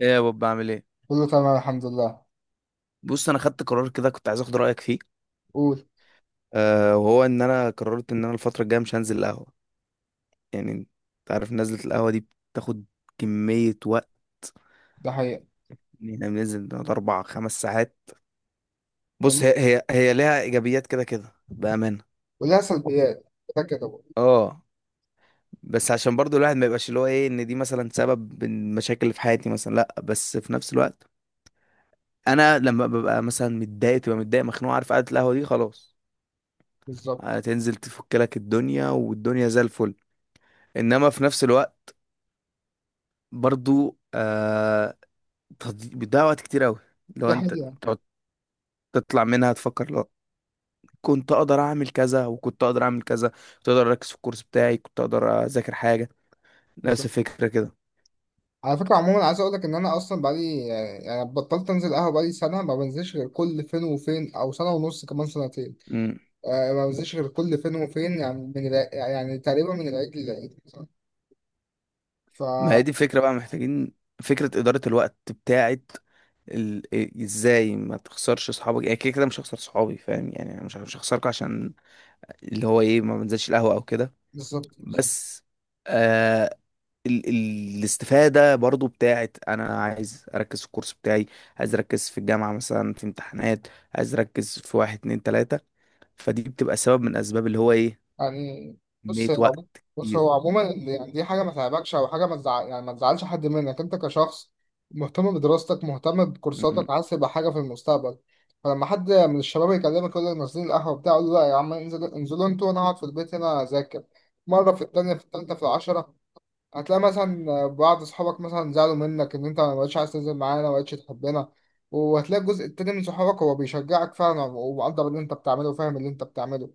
ايه يا بوب، بعمل ايه؟ كله تمام، الحمد لله. بص، انا خدت قرار كده. كنت عايز اخد رايك فيه. قول. أه، وهو ان انا قررت ان انا الفتره الجايه مش هنزل القهوه. يعني انت عارف، نزله القهوه دي بتاخد كميه وقت. ده حقيقة. ان احنا بننزل بنقعد اربع خمس ساعات. بص، كم. هي ليها ايجابيات كده كده بامانه. ولها سلبيات. ده كده. اه، بس عشان برضو الواحد ما يبقاش اللي هو ايه، ان دي مثلا سبب المشاكل اللي في حياتي مثلا، لا. بس في نفس الوقت انا لما ببقى مثلا متضايق، تبقى متضايق مخنوق، عارف، قعده القهوه دي خلاص، بالظبط. هتنزل تفك لك الدنيا والدنيا زي الفل. انما في نفس الوقت برضو بيضيع وقت كتير قوي لو ده انت حقيقة. تقعد تطلع منها تفكر، لو كنت اقدر اعمل كذا وكنت اقدر اعمل كذا، كنت اقدر اركز في الكورس بتاعي، كنت اقدر اذاكر حاجه. نفس بالظبط. الفكره كده. على فكرة، عموما عايز اقول لك ان انا اصلا بقالي، يعني بطلت انزل قهوة، بقالي سنة ما بنزلش غير كل فين وفين، او سنة ونص، كمان سنتين. مم. آه، ما بنزلش غير كل فين وفين، يعني من يعني تقريبا من العيد للعيد مثلا، ف ما هي دي الفكره بقى، محتاجين فكره اداره الوقت بتاعت ازاي ما تخسرش اصحابك. يعني كده كده مش هخسر صحابي، فاهم يعني، أنا مش هخسركم عشان اللي هو ايه ما بنزلش القهوه او كده. بالظبط، بالظبط. بس آه، ال ال الاستفادة برضو بتاعت، أنا عايز أركز في الكورس بتاعي. عايز أركز في الجامعة مثلا، في امتحانات. عايز أركز في واحد اتنين تلاتة. فدي بتبقى سبب من أسباب اللي هو إيه، يعني بص كمية هي وقت عمو- بص كتير. هو عموما يعني دي حاجة ما تعبكش أو حاجة ما تزعلش حد منك أنت كشخص مهتم بدراستك، مهتم م- بكورساتك، عايز تبقى حاجة في المستقبل. فلما حد من الشباب يكلمك يقول لك نازلين القهوة بتاع، قول له لا يا عم، انزل انزلوا انتوا وأنا أقعد في البيت هنا أذاكر. مرة، في التانية، في التالتة، في العشرة هتلاقي مثلا بعض أصحابك مثلا زعلوا منك إن أنت ما بقتش عايز تنزل معانا، ما بقتش تحبنا. وهتلاقي الجزء التاني من صحابك هو بيشجعك فعلا ومقدر اللي أنت بتعمله وفاهم اللي أنت بتعمله.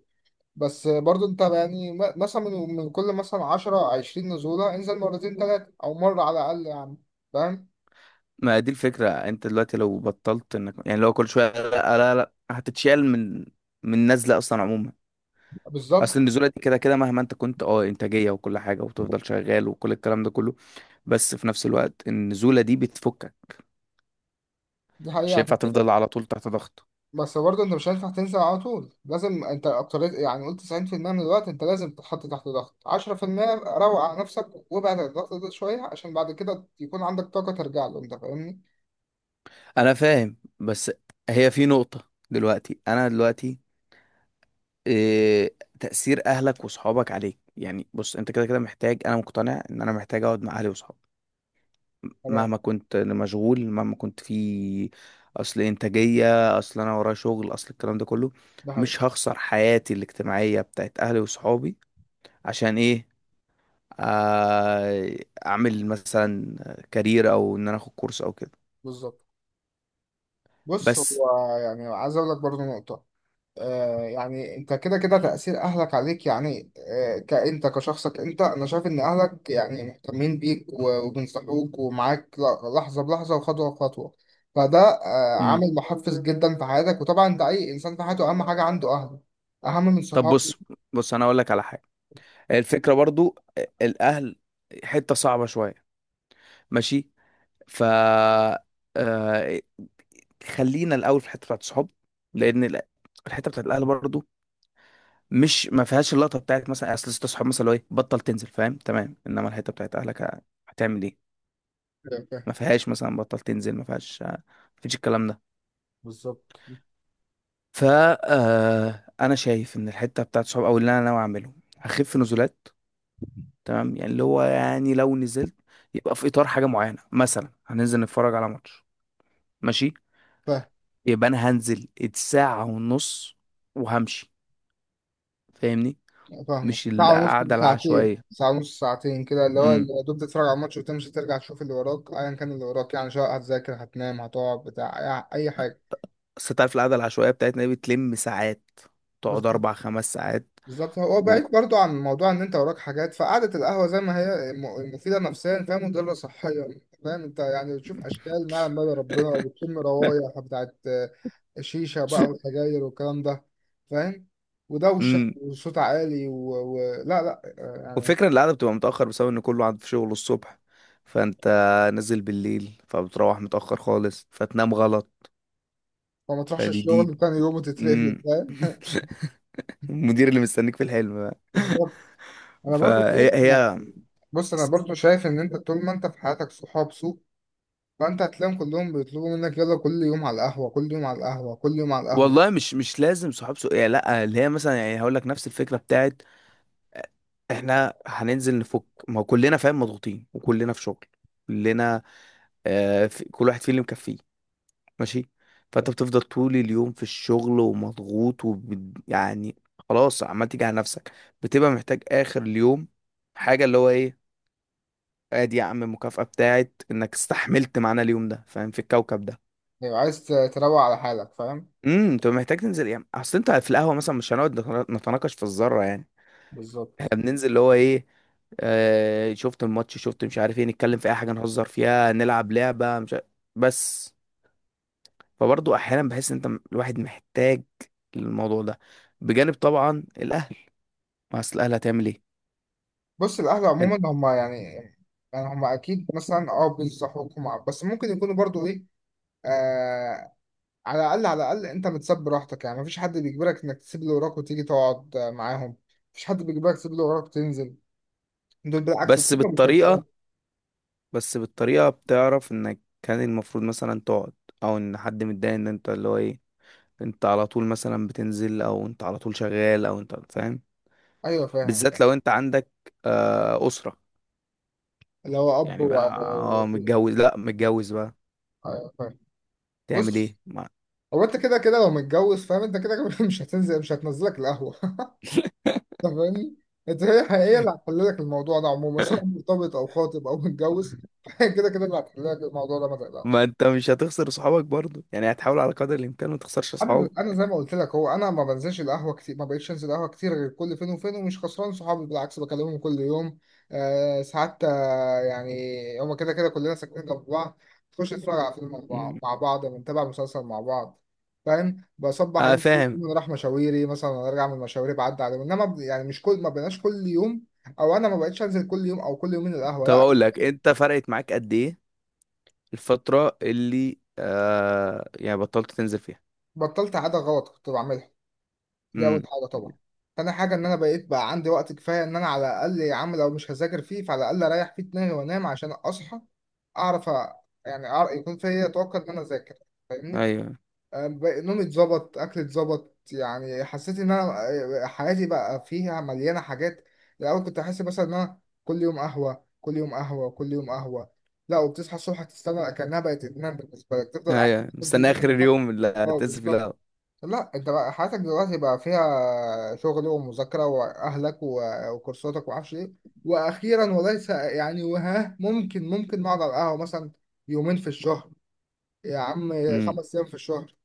بس برضو انت يعني مثلا من كل مثلا 10 20 نزولة انزل مرتين ثلاثة او مرة على الاقل يعني. فاهم؟ ما دي الفكرة، أنت دلوقتي لو بطلت إنك، يعني لو كل شوية، لا لا لا، هتتشال من نزلة أصلا عموما. أصل بالظبط. النزولة دي كده كده، مهما أنت كنت إنتاجية وكل حاجة وتفضل شغال وكل الكلام ده كله، بس في نفس الوقت النزولة دي بتفكك. دي مش حقيقة، عشان هينفع تفضل كده على طول تحت ضغط. بس برضو انت مش هينفع تنزل على طول. لازم انت اكتريت يعني قلت 90% من الوقت انت لازم تتحط تحت ضغط، 10% روق على نفسك وابعد عن الضغط ده شوية عشان بعد كده يكون عندك طاقة ترجع له. انت فاهمني؟ انا فاهم، بس هي في نقطة دلوقتي، انا دلوقتي إيه تأثير اهلك وصحابك عليك، يعني بص، انت كده كده محتاج. انا مقتنع ان انا محتاج اقعد مع اهلي وصحابي، تمام. مهما كنت مشغول، مهما كنت في اصل انتاجية، اصل انا ورايا شغل، اصل الكلام ده كله. ده حقيقة. مش هخسر حياتي الاجتماعية بتاعت اهلي وصحابي عشان ايه، آه، اعمل مثلا كارير، او ان انا اخد كورس او كده. بالظبط. بص بس. هو يعني عايز اقول لك برضو نقطة. آه، يعني انت كده كده تأثير اهلك عليك يعني، كأنت كشخصك، انا شايف ان اهلك يعني مهتمين بيك وبينصحوك ومعاك لحظة بلحظة وخطوة بخطوة. فده مم. عامل محفز جدا في حياتك، وطبعا ده اي انسان في حياته اهم حاجة عنده اهله، اهم من طب، صحابه. بص. انا اقول لك على حاجة. الفكرة برضو، الأهل حتة صعبة شوية، ماشي. ف، آه، خلينا الأول في الحتة بتاعت الصحاب، لأن الحتة بتاعت الأهل برضو، مش ما فيهاش اللقطة بتاعت مثلا، أصل ست صحاب مثلا لو إيه بطل تنزل، فاهم، تمام، إنما الحتة بتاعت أهلك هتعمل إيه. فاهم. ما فيهاش مثلا بطل تنزل، ما فيهاش ما فيش الكلام ده. بالظبط. ف أنا شايف إن الحتة بتاعت الصحاب، أو اللي أنا ناوي أعمله، هخف نزولات. تمام، يعني اللي هو يعني لو نزلت، يبقى في اطار حاجه معينه، مثلا هننزل نتفرج على ماتش، ماشي، فاهم. يبقى انا هنزل الساعه ونص وهمشي، فاهمني. فاهمك، مش ساعة ونص القعده ساعتين، العشوائيه. ساعة ونص ساعتين كده اللي هو امم. يا دوب تتفرج على الماتش وتمشي، ترجع تشوف اللي وراك، ايا كان اللي وراك يعني، سواء هتذاكر هتنام هتقعد بتاع. أي حاجة. بس انت عارف القعده العشوائيه بتاعتنا دي بتلم ساعات، بس تقعد اربع خمس ساعات. بالظبط، هو و... بعيد برضو عن موضوع ان انت وراك حاجات، فقعدة القهوة زي ما هي مفيدة نفسيا فهي مضرة صحيا. فاهم؟ انت يعني بتشوف اشكال ما لما ربنا، وبتشم روايح بتاعت شيشة بقى وسجاير والكلام ده. فاهم؟ ودوشة امم. وصوت عالي لا، لا، يعني وفكرة ان القعدة بتبقى متأخر بسبب ان كله قاعد في شغله الصبح، فانت نازل بالليل، فبتروح متأخر خالص فتنام غلط. فما تروحش فدي، الشغل تاني يوم وتترفد. امم. فاهم؟ المدير اللي مستنيك في الحلم بقى. بالظبط. انا برضو فهي شايف، هي ان انت طول ما انت في حياتك صحاب سوء، فانت هتلاقيهم كلهم بيطلبوا منك يلا كل يوم على القهوة، كل يوم على القهوة، كل يوم على القهوة. والله، مش لازم صحاب سوء يعني، لا، اللي هي مثلا يعني هقول لك نفس الفكره بتاعت، احنا هننزل نفك، ما هو كلنا فاهم مضغوطين، وكلنا في شغل، كلنا في كل واحد فينا اللي مكفيه، ماشي. فانت بتفضل طول اليوم في الشغل ومضغوط يعني، خلاص عمال تيجي على نفسك، بتبقى محتاج اخر اليوم حاجه اللي هو ايه، ادي يا عم المكافاه بتاعت انك استحملت معانا اليوم ده، فاهم، في الكوكب ده. لو عايز تروق على حالك فاهم. امم. انت محتاج تنزل، يعني اصل انت في القهوه مثلا مش هنقعد نتناقش في الذره يعني، احنا بالظبط. بننزل اللي هو ايه، آه، شفت الماتش شفت مش عارف ايه، نتكلم في اي حاجه، نهزر فيها، نلعب لعبه مش عارف. بس فبرضه احيانا بحس ان انت، الواحد محتاج الموضوع ده، بجانب طبعا الاهل. ما اصل الاهل هتعمل ايه، بص القهوة انت، عموما هما يعني هما أكيد مثلا بينصحوكم بس ممكن يكونوا برضو ايه. آه على الأقل، على الأقل أنت بتسب راحتك يعني، مفيش حد بيجبرك إنك تسيب اللي وراك وتيجي تقعد معاهم. مفيش حد بيجبرك تسيب اللي وراك وتنزل. دول بالعكس، بس دول بالطريقه بيشجعوك. بس بالطريقه بتعرف انك كان المفروض مثلا تقعد، او ان حد متضايق ان انت اللي هو ايه، انت على طول مثلا بتنزل، او انت على طول شغال، او انت فاهم. أيوه، فاهم، بالذات فاهم. لو انت عندك اسره، اللي هو أب يعني بقى اه متجوز، لا متجوز بقى، أيوه فاهم. تعمل بص ايه ما, هو انت كده كده لو متجوز، فاهم؟ انت كده كده مش هتنزلك القهوة. انت فاهمني؟ انت هي هي اللي هتحل لك الموضوع ده عموما، سواء مرتبط او خاطب او متجوز. هي كده كده اللي هتحل لك الموضوع ده، ما ما تقلقش. انت مش هتخسر صحابك برضو يعني، هتحاول على قدر الامكان ما تخسرش انا اصحابك. انا زي ما قلت لك، هو انا ما بنزلش القهوه كتير، ما بقتش انزل قهوه كتير غير كل فين وفين، ومش خسران صحابي، بالعكس بكلمهم كل يوم. آه ساعات، آه يعني هما كده كده كلنا ساكنين جنب بعض، تخش نتفرج على فيلم مع بعض، مم. بنتابع مسلسل مع بعض. فاهم؟ بصبح اه عليهم كل فاهم. يوم، نروح مشاويري مثلا، أنا ارجع من مشاويري بعدي عليهم. انما يعني مش كل ما بقناش كل يوم، او انا ما بقتش انزل كل يوم او كل يومين القهوه طب، لا. اقول لك انت فرقت معاك قد ايه الفتره اللي يعني بطلت تنزل فيها؟ بطلت عاده غلط كنت بعملها، دي اول امم. حاجه طبعا. تاني حاجه ان انا بقيت بقى عندي وقت كفايه، ان انا على الاقل يا عم لو مش هذاكر فيه فعلى الاقل اريح فيه دماغي وانام عشان اصحى، اعرف يعني أعرف يكون فيا طاقه ان انا اذاكر. فاهمني؟ ايوه، نومي اتظبط، اكلي اتظبط، يعني حسيت ان انا حياتي بقى فيها مليانه حاجات. الاول كنت احس مثلا ان انا كل يوم قهوه، كل يوم قهوه، كل يوم قهوه. لا، وبتصحى الصبح تستنى كانها بقت ادمان بالنسبه لك، تفضل قاعد، ايوه، تفضل دي- مستني اخر اليوم اللي اه هتنزل فيه بالظبط. القهوة. لا انت بقى حياتك دلوقتي بقى فيها شغل ومذاكرة واهلك وكورساتك ومعرفش ايه. واخيرا وليس يعني وها، ممكن نقعد على القهوة مثلا يومين في الشهر يا عم، امم. خمس ايام في الشهر،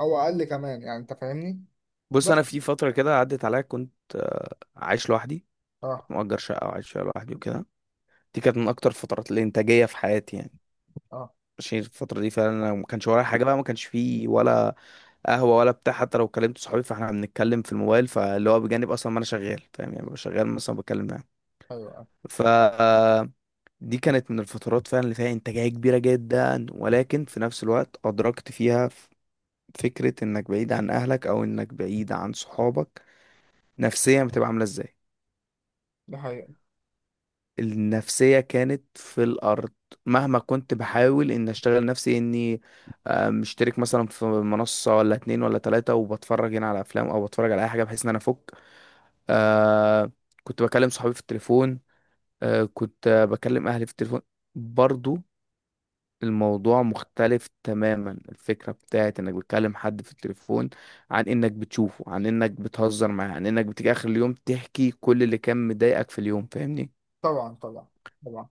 او اقل كمان يعني، انت فاهمني؟ بص، بس. انا في فتره كده عدت عليا، كنت عايش لوحدي. اه، كنت مأجر شقه وعايش فيها لوحدي وكده. دي كانت من اكتر الفترات الانتاجيه في حياتي يعني. اه، ماشي، الفتره دي فعلا أنا ما كانش ورايا حاجه بقى، ما كانش فيه ولا قهوه ولا بتاع. حتى لو كلمت صحابي فاحنا بنتكلم في الموبايل، فاللي هو بجانب اصلا ما انا شغال، فاهم يعني، ببقى شغال مثلا بتكلم معاهم. ايوه، اه. ف دي كانت من الفترات فعلا اللي فيها انتاجيه كبيره جدا، ولكن في نفس الوقت ادركت فيها فكره انك بعيد عن اهلك، او انك بعيد عن صحابك، نفسيا بتبقى عامله ازاي. ده حقيقي. النفسية كانت في الأرض، مهما كنت بحاول إن أشتغل نفسي إني مشترك مثلا في منصة ولا اتنين ولا تلاتة، وبتفرج هنا على أفلام أو بتفرج على أي حاجة بحيث إن أنا أفك. آه كنت بكلم صحابي في التليفون. كنت بكلم أهلي في التليفون برضو. الموضوع مختلف تماما، الفكرة بتاعت إنك بتكلم حد في التليفون عن إنك بتشوفه، عن إنك بتهزر معاه، عن إنك بتيجي آخر اليوم تحكي كل اللي كان مضايقك في اليوم، فاهمني. طبعا، طبعا، طبعا.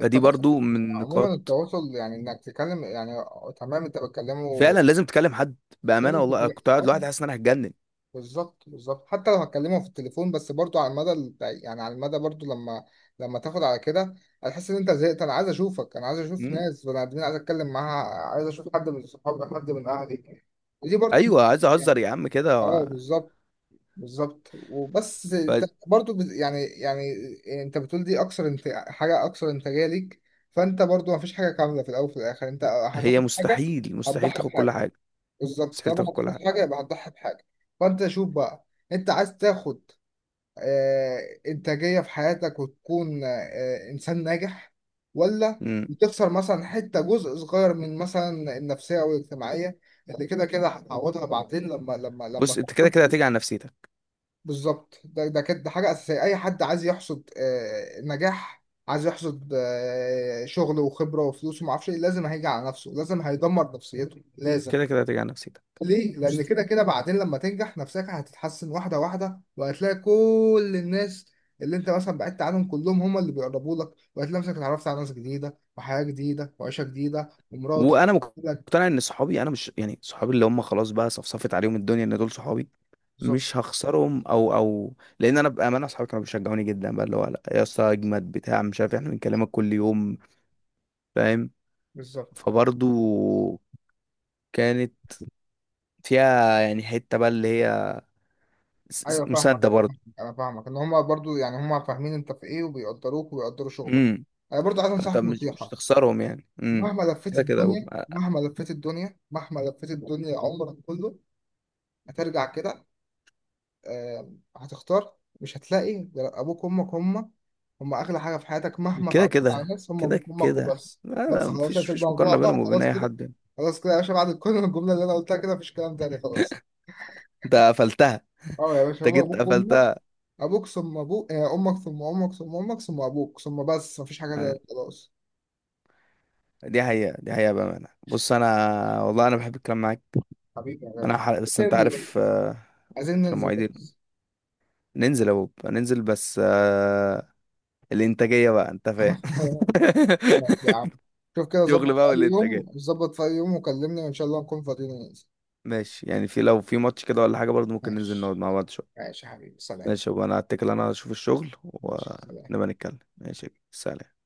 فدي التواصل برضو يعني من عموما، نقاط، التواصل يعني انك تتكلم يعني. تمام، انت بتكلمه. فعلا لازم تكلم حد. بامانه والله أنا كنت قاعد لوحدي اه. حاسس ان انا هتجنن. بالظبط، بالظبط. حتى لو هتكلمه في التليفون، بس برضو على المدى يعني على المدى برضو لما تاخد على كده هتحس ان انت زهقت، انا عايز اشوفك، انا عايز اشوف مم. ناس بني ادمين عايز اتكلم معاها، عايز اشوف حد من صحابي، حد من اهلي. ودي برضو ايوه، عايز اهزر يعني، يا عم كده. اه بالظبط، بالظبط. وبس انت برضو يعني انت بتقول دي اكثر، حاجه اكثر انتاجيه ليك. فانت برضو ما فيش حاجه كامله، في الاول وفي الاخر انت فهي، هتاخد حاجه مستحيل مستحيل هتضحي تاخد كل بحاجه. حاجه. بالظبط، مستحيل طالما تاخد كل هتاخد حاجه. حاجه يبقى هتضحي بحاجه. فانت شوف بقى، انت عايز تاخد آه، انتاجيه في حياتك وتكون آه، انسان ناجح، ولا مم. بتخسر مثلا حته، جزء صغير من مثلا النفسيه او الاجتماعيه اللي كده كده هتعوضها بعدين لما، لما بص، انت كده كده تحصد. هتيجي على نفسيتك. بالظبط، ده كده، ده حاجه اساسيه. اي حد عايز يحصد نجاح، عايز يحصد شغل وخبره وفلوس وما اعرفش ايه، لازم هيجي على نفسه، لازم هيدمر نفسيته، لازم. كده كده هتيجي على نفسيتك. ليه؟ لأن بص. كده كده بعدين لما تنجح نفسك هتتحسن واحدة واحدة، وهتلاقي كل الناس اللي أنت مثلا بعدت عنهم كلهم هم اللي بيقربوا لك، وهتلاقي نفسك اتعرفت على ناس جديدة وحياة جديدة وعيشة جديدة ومراتك وانا لك. مقتنع ان صحابي، انا مش يعني صحابي اللي هم خلاص بقى صفصفت عليهم الدنيا ان دول صحابي، بالظبط، مش هخسرهم، او لان انا بامانه اصحابي كانوا بيشجعوني جدا بقى، اللي هو لا يا اسطى اجمد بتاع مش عارف إيه، احنا بنكلمك كل يوم، فاهم. بالظبط. فبرضو كانت فيها يعني حتة بقى اللي هي أيوه، فاهمك. مسدة برضه. أنا فاهمك إن هم برضو يعني هم فاهمين أنت في إيه وبيقدروك وبيقدروا شغلك. امم. أنا برضو عايز فانت أنصحك مش نصيحة، هتخسرهم يعني. امم. مهما لفيت كده كده. الدنيا، مهما لفيت الدنيا، مهما لفيت الدنيا عمرك كله هترجع كده، آه، هتختار. مش هتلاقي غير ابوك وامك، هم هم اغلى حاجه في حياتك، مهما كده اتعرفت على كده ناس، هم كده ابوك وامك كده، وبس. لا لا، بس خلاص مفيش في مفيش الموضوع مقارنة بقى، بينهم وبين خلاص أي كده، حد يعني. خلاص كده يا باشا، بعد كل الجمله اللي انا قلتها كده مفيش كلام تاني خلاص. أنت قفلتها. اه يا باشا، أنت هو جيت ابوك وامك، قفلتها. ابوك ثم ابوك، امك ثم امك ثم امك ثم ابوك ثم بس، مفيش حاجه آه، تاني خلاص. دي حقيقة، دي حقيقة بأمانة. بص أنا، والله أنا بحب الكلام معاك. حبيبي يا أنا غالي. حلق بس أنت ننزل عارف، بس عايزين عشان ننزل مواعيدي. بس. ننزل يا بوب، ننزل بس، الإنتاجية بقى، أنت فاهم. ماشي يا عم. شوف كده، شغل ظبط في بقى اي يوم، والإنتاجية. ظبط في اي يوم وكلمني، وان شاء الله نكون فاضيين وننزل. ماشي، يعني لو في ماتش كده ولا حاجة برضه، ممكن ننزل نقعد ماشي مع بعض شوية. ماشي يا حبيبي، سلام. ماشي، وانا هتكل، انا اشوف الشغل ماشي، سلام. ونبقى نتكلم. ماشي، سلام.